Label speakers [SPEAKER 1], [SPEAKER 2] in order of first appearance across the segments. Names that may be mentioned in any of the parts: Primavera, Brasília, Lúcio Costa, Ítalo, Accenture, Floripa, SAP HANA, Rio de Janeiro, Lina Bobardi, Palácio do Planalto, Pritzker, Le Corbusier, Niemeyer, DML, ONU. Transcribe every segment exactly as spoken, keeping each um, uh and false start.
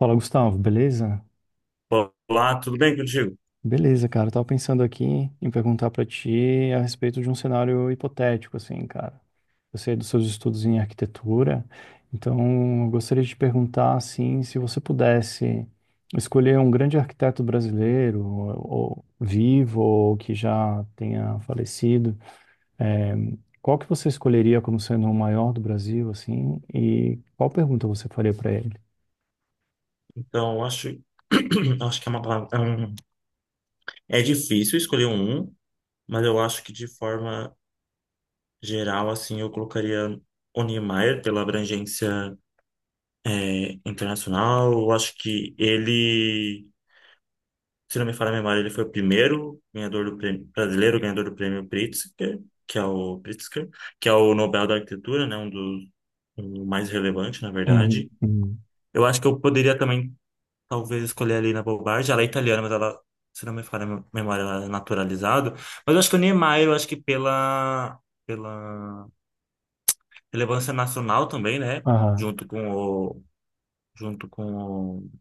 [SPEAKER 1] Fala, Gustavo, beleza?
[SPEAKER 2] Olá, tudo bem contigo?
[SPEAKER 1] Beleza, cara. Eu tava pensando aqui em perguntar pra ti a respeito de um cenário hipotético, assim, cara. Eu sei dos seus estudos em arquitetura, então eu gostaria de te perguntar, assim, se você pudesse escolher um grande arquiteto brasileiro, ou, ou vivo, ou que já tenha falecido, eh, qual que você escolheria como sendo o maior do Brasil, assim, e qual pergunta você faria pra ele?
[SPEAKER 2] Então, acho, acho que é uma palavra. É, um- é difícil escolher um, mas eu acho que de forma geral, assim, eu colocaria o Niemeyer pela abrangência é, internacional. Eu acho que ele, se não me falha a memória, ele foi o primeiro ganhador do prêmio, brasileiro ganhador do prêmio Pritzker, que é o Pritzker, que é o Nobel da Arquitetura, né? Um dos um mais relevante, na
[SPEAKER 1] Uhum,
[SPEAKER 2] verdade.
[SPEAKER 1] uhum.
[SPEAKER 2] Eu acho que eu poderia também talvez escolher a Lina Bobardi. Ela é italiana, mas ela, se não me falha a memória, ela é naturalizada. Mas eu acho que o Niemeyer, eu acho que pela, pela relevância nacional também, né?
[SPEAKER 1] Aham,
[SPEAKER 2] Junto com o, junto com o,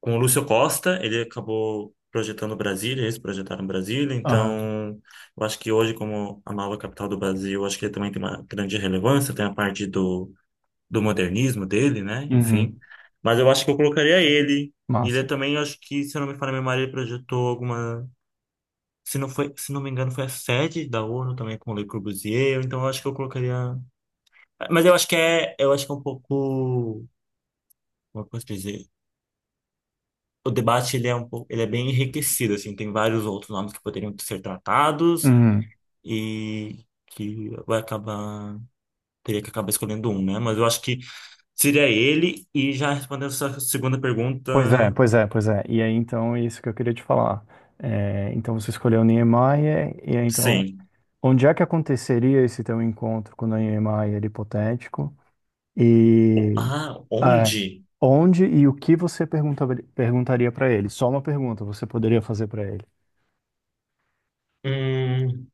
[SPEAKER 2] com o Lúcio Costa, ele acabou projetando Brasília, eles projetaram Brasília.
[SPEAKER 1] aham,
[SPEAKER 2] Então, eu acho que hoje, como a nova capital do Brasil, eu acho que ele também tem uma grande relevância. Tem a parte do do modernismo dele, né? Enfim.
[SPEAKER 1] uhum.
[SPEAKER 2] Mas eu acho que eu colocaria ele. Ele é
[SPEAKER 1] Massa.
[SPEAKER 2] também, acho que, se eu não me falha a memória, ele projetou alguma. Se não foi, se não me engano, foi a sede da ONU também com o Le Corbusier, então eu acho que eu colocaria. Mas eu acho que é, eu acho que é um pouco, como eu posso dizer? O debate ele é um pouco, ele é bem enriquecido assim, tem vários outros nomes que poderiam ser tratados
[SPEAKER 1] Uhum.
[SPEAKER 2] e que vai acabar, teria que acabar escolhendo um, né? Mas eu acho que seria ele, e já respondendo a sua segunda pergunta.
[SPEAKER 1] Pois é, pois é, pois é. E aí, então, é isso que eu queria te falar. É, então, você escolheu Niemeyer, e aí, então,
[SPEAKER 2] Sim.
[SPEAKER 1] onde é que aconteceria esse teu encontro com o Niemeyer hipotético? E
[SPEAKER 2] Ah,
[SPEAKER 1] é,
[SPEAKER 2] onde?
[SPEAKER 1] onde e o que você pergunta, perguntaria para ele? Só uma pergunta você poderia fazer para ele.
[SPEAKER 2] Hum,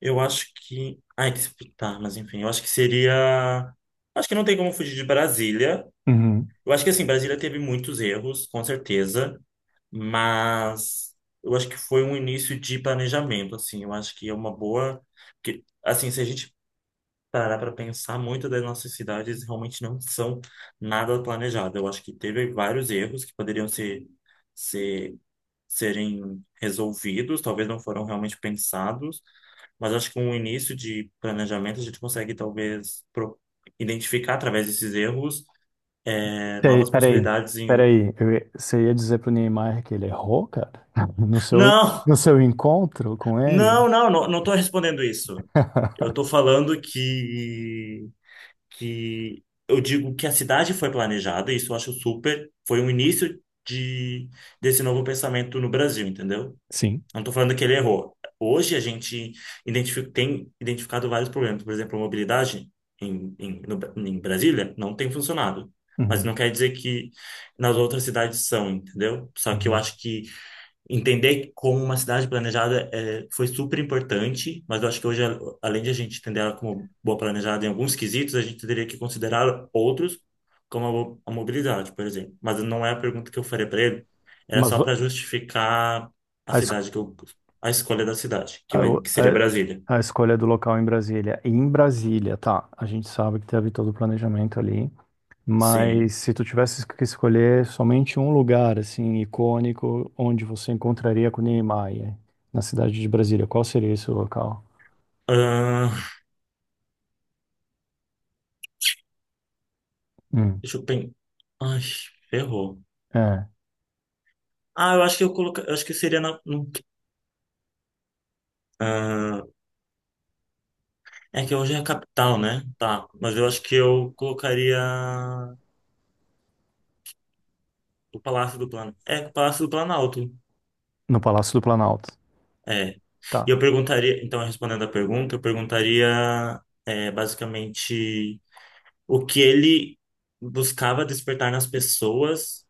[SPEAKER 2] eu acho que. Ai, que se- tá, Mas enfim, eu acho que seria. Acho que não tem como fugir de Brasília.
[SPEAKER 1] Uhum.
[SPEAKER 2] Eu acho que assim, Brasília teve muitos erros, com certeza, mas eu acho que foi um início de planejamento, assim. Eu acho que é uma boa. Porque, assim, se a gente parar para pensar, muitas das nossas cidades realmente não são nada planejadas. Eu acho que teve vários erros que poderiam ser. Ser serem resolvidos, talvez não foram realmente pensados, mas acho que com o início de planejamento a gente consegue talvez pro- identificar através desses erros é,
[SPEAKER 1] Sei,
[SPEAKER 2] novas
[SPEAKER 1] peraí,
[SPEAKER 2] possibilidades em... o-
[SPEAKER 1] peraí. Eu ia- você ia dizer pro Niemeyer que ele errou, cara? No seu,
[SPEAKER 2] Não,
[SPEAKER 1] no seu encontro com ele?
[SPEAKER 2] não, não, não, não estou respondendo isso. Eu estou falando que que eu digo que a cidade foi planejada, isso eu acho super, foi um início de desse novo pensamento no Brasil, entendeu?
[SPEAKER 1] Sim.
[SPEAKER 2] Não estou falando que ele errou. Hoje a gente identifi- tem identificado vários problemas. Por exemplo, a mobilidade em, em, no, Bra- em Brasília não tem funcionado. Mas
[SPEAKER 1] Uhum,
[SPEAKER 2] não quer dizer que nas outras cidades são, entendeu? Só que eu
[SPEAKER 1] uhum.
[SPEAKER 2] acho que entender como uma cidade planejada é, foi super importante, mas eu acho que hoje, a- além de a gente entender ela como boa planejada em alguns quesitos, a gente teria que considerar outros, como a, mo- a mobilidade, por exemplo. Mas não é a pergunta que eu faria para ele, era
[SPEAKER 1] Mas,
[SPEAKER 2] só para justificar a
[SPEAKER 1] A, es-
[SPEAKER 2] cidade que eu, a escolha da cidade, que,
[SPEAKER 1] a,
[SPEAKER 2] vai,
[SPEAKER 1] o-
[SPEAKER 2] que seria Brasília.
[SPEAKER 1] a, A escolha do local em Brasília. E em Brasília, tá, a gente sabe que teve todo o planejamento ali,
[SPEAKER 2] Sim.
[SPEAKER 1] mas se tu tivesse que escolher somente um lugar, assim, icônico, onde você encontraria com Niemeyer, na cidade de Brasília, qual seria esse local?
[SPEAKER 2] Ahn,
[SPEAKER 1] Hum,
[SPEAKER 2] deixa eu pensar. Ai, ferrou.
[SPEAKER 1] é,
[SPEAKER 2] Ah, eu acho que eu coloca, eu acho que seria na, no, ah, é que hoje é a capital, né? Tá. Mas eu acho que eu colocaria o Palácio do Planalto. É, o Palácio do Planalto.
[SPEAKER 1] no Palácio do Planalto.
[SPEAKER 2] É. E
[SPEAKER 1] Tá,
[SPEAKER 2] eu perguntaria, então, respondendo a pergunta, eu perguntaria é, basicamente o que ele buscava despertar nas pessoas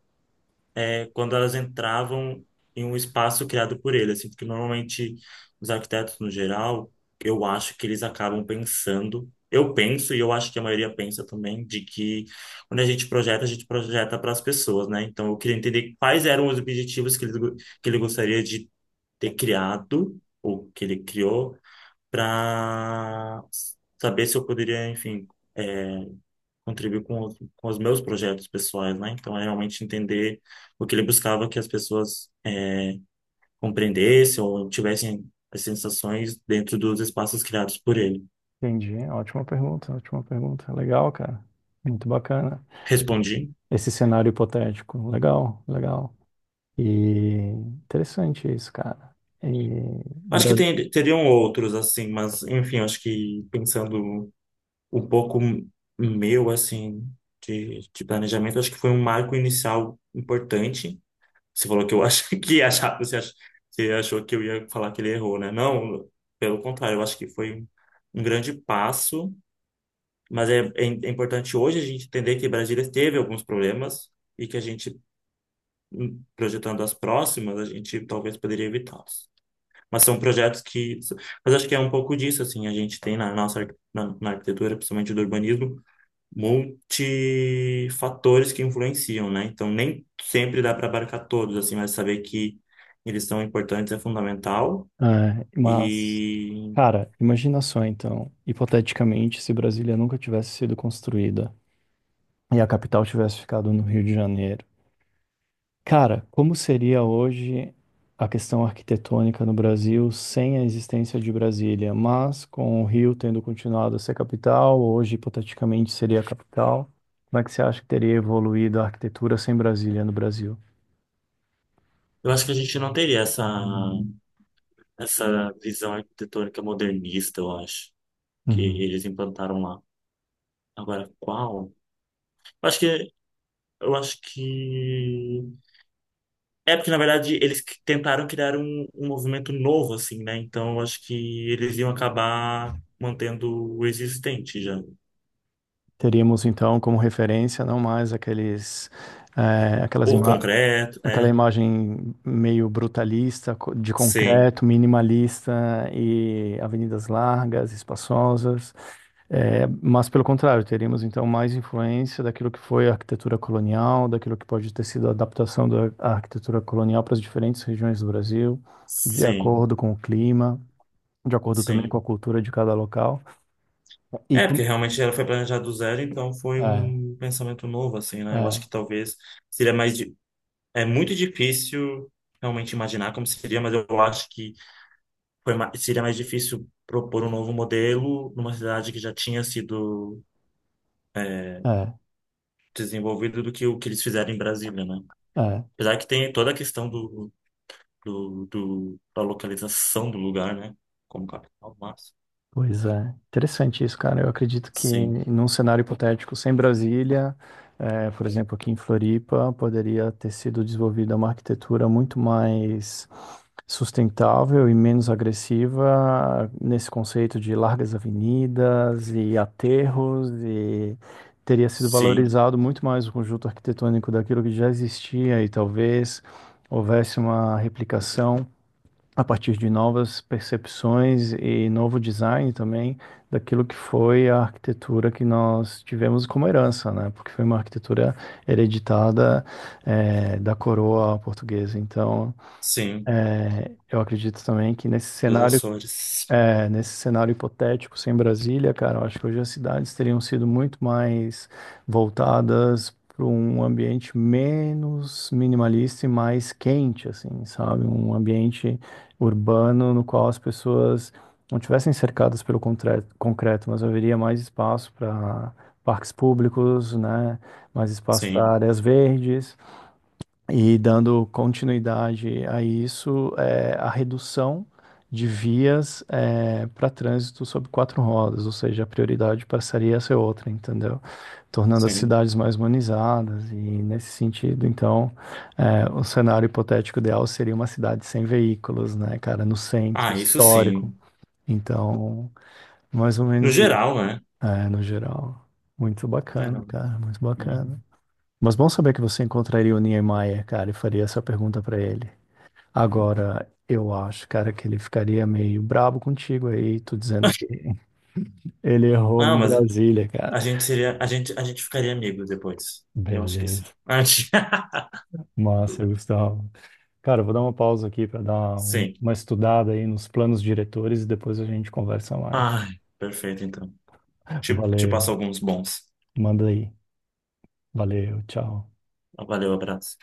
[SPEAKER 2] é quando elas entravam em um espaço criado por ele, assim, porque normalmente os arquitetos no geral, eu acho que eles acabam pensando, eu penso e eu acho que a maioria pensa também de que quando a gente projeta, a gente projeta para as pessoas, né? Então eu queria entender quais eram os objetivos que ele, go- que ele gostaria de ter criado ou que ele criou para saber se eu poderia, enfim, é, contribuir com os, com os meus projetos pessoais, né? Então, é realmente entender o que ele buscava que as pessoas é, compreendessem ou tivessem as sensações dentro dos espaços criados por ele.
[SPEAKER 1] entendi. Ótima pergunta, ótima pergunta. Legal, cara. Muito bacana.
[SPEAKER 2] Respondi.
[SPEAKER 1] Esse cenário hipotético. Legal, legal. E interessante isso, cara. E,
[SPEAKER 2] Acho que
[SPEAKER 1] Bra-
[SPEAKER 2] tem, teriam outros, assim, mas, enfim, acho que pensando um pouco meu, assim, de, de planejamento, acho que foi um marco inicial importante. Você falou que eu acho que achava, você ach- você achou que eu ia falar que ele errou, né? Não, pelo contrário, eu acho que foi um, um grande passo, mas é, é im- é importante hoje a gente entender que Brasília teve alguns problemas e que a gente, hum, projetando as próximas, a gente talvez poderia evitá-los. Mas são projetos que. Mas acho que é um pouco disso, assim, a gente tem na nossa arqu- na, na arquitetura, principalmente do urbanismo, multifatores que influenciam, né? Então, nem sempre dá para abarcar todos, assim, mas saber que eles são importantes é fundamental.
[SPEAKER 1] é, mas,
[SPEAKER 2] E
[SPEAKER 1] Cara, imagina só então, hipoteticamente, se Brasília nunca tivesse sido construída e a capital tivesse ficado no Rio de Janeiro. Cara, como seria hoje a questão arquitetônica no Brasil sem a existência de Brasília, mas com o Rio tendo continuado a ser capital, hoje hipoteticamente seria a capital. Como é que você acha que teria evoluído a arquitetura sem Brasília no Brasil?
[SPEAKER 2] eu acho que a gente não teria essa, essa visão arquitetônica modernista, eu acho, que eles implantaram lá. Agora, qual? Eu acho que, eu acho que... É porque, na verdade, eles que- tentaram criar um, um movimento novo, assim, né? Então, eu acho que eles iam acabar mantendo o existente já.
[SPEAKER 1] Teríamos então como referência não mais aqueles, eh, aquelas
[SPEAKER 2] Ou
[SPEAKER 1] ima
[SPEAKER 2] concreto,
[SPEAKER 1] aquela
[SPEAKER 2] é.
[SPEAKER 1] imagem meio brutalista, co- de
[SPEAKER 2] Sim,
[SPEAKER 1] concreto, minimalista e avenidas largas, espaçosas, eh, mas pelo contrário, teríamos então mais influência daquilo que foi a arquitetura colonial, daquilo que pode ter sido a adaptação da arquitetura colonial para as diferentes regiões do Brasil, de
[SPEAKER 2] sim,
[SPEAKER 1] acordo com o clima, de acordo também com a
[SPEAKER 2] sim.
[SPEAKER 1] cultura de cada local. E
[SPEAKER 2] É,
[SPEAKER 1] com...
[SPEAKER 2] porque realmente ela foi planejada do zero, então foi
[SPEAKER 1] É,
[SPEAKER 2] um pensamento novo, assim, né? Eu acho
[SPEAKER 1] é,
[SPEAKER 2] que talvez seria mais. di- é muito difícil realmente imaginar como seria, mas eu acho que foi ma- seria mais difícil propor um novo modelo numa cidade que já tinha sido
[SPEAKER 1] é,
[SPEAKER 2] desenvolvida do que o que eles fizeram em Brasília, né?
[SPEAKER 1] é.
[SPEAKER 2] Apesar que tem toda a questão do, do, do- da localização do lugar, né? Como capital, mas.
[SPEAKER 1] Pois é, interessante isso, cara. Eu acredito que
[SPEAKER 2] Sim,
[SPEAKER 1] num cenário hipotético sem Brasília, eh, por exemplo, aqui em Floripa, poderia ter sido desenvolvida uma arquitetura muito mais sustentável e menos agressiva nesse conceito de largas avenidas e aterros e teria sido
[SPEAKER 2] sim,
[SPEAKER 1] valorizado muito mais o conjunto arquitetônico daquilo que já existia e talvez houvesse uma replicação a partir de novas percepções e novo design também daquilo que foi a arquitetura que nós tivemos como herança, né? Porque foi uma arquitetura hereditada, eh, da coroa portuguesa. Então,
[SPEAKER 2] sim.
[SPEAKER 1] eu acredito também que nesse
[SPEAKER 2] Dos
[SPEAKER 1] cenário
[SPEAKER 2] Açores.
[SPEAKER 1] é, nesse cenário hipotético, sem Brasília, cara, eu acho que hoje as cidades teriam sido muito mais voltadas para um ambiente menos minimalista e mais quente, assim, sabe? Um ambiente urbano no qual as pessoas não tivessem cercadas pelo concre- concreto, mas haveria mais espaço para parques públicos, né? Mais espaço
[SPEAKER 2] Sim,
[SPEAKER 1] para áreas verdes. E dando continuidade a isso, é, a redução de vias é, para trânsito sobre quatro rodas, ou seja, a prioridade passaria a ser outra, entendeu? Tornando as
[SPEAKER 2] sim.
[SPEAKER 1] cidades mais humanizadas, e nesse sentido, então, é, o cenário hipotético ideal seria uma cidade sem veículos, né, cara, no centro
[SPEAKER 2] Ah, isso
[SPEAKER 1] histórico.
[SPEAKER 2] sim.
[SPEAKER 1] Então, mais ou
[SPEAKER 2] No
[SPEAKER 1] menos isso,
[SPEAKER 2] geral, né?
[SPEAKER 1] é, no geral. Muito
[SPEAKER 2] É,
[SPEAKER 1] bacana,
[SPEAKER 2] não.
[SPEAKER 1] cara, muito bacana.
[SPEAKER 2] Uhum.
[SPEAKER 1] Mas bom saber que você encontraria o Niemeyer, cara, e faria essa pergunta pra ele. Agora, eu acho, cara, que ele ficaria meio brabo contigo aí, tu dizendo que ele errou
[SPEAKER 2] Ah,
[SPEAKER 1] em
[SPEAKER 2] mas
[SPEAKER 1] Brasília, cara.
[SPEAKER 2] a gente seria, a gente, a gente ficaria amigo depois. Eu acho que sim.
[SPEAKER 1] Beleza.
[SPEAKER 2] Ah, gente- Tudo
[SPEAKER 1] Massa,
[SPEAKER 2] bem.
[SPEAKER 1] Gustavo. Cara, eu vou dar uma pausa aqui pra dar um-
[SPEAKER 2] Sim.
[SPEAKER 1] uma estudada aí nos planos diretores e depois a gente conversa mais.
[SPEAKER 2] Ai, perfeito, então. Te, te
[SPEAKER 1] Valeu.
[SPEAKER 2] passo alguns bons.
[SPEAKER 1] Manda aí. Valeu, tchau.
[SPEAKER 2] Valeu, abraço.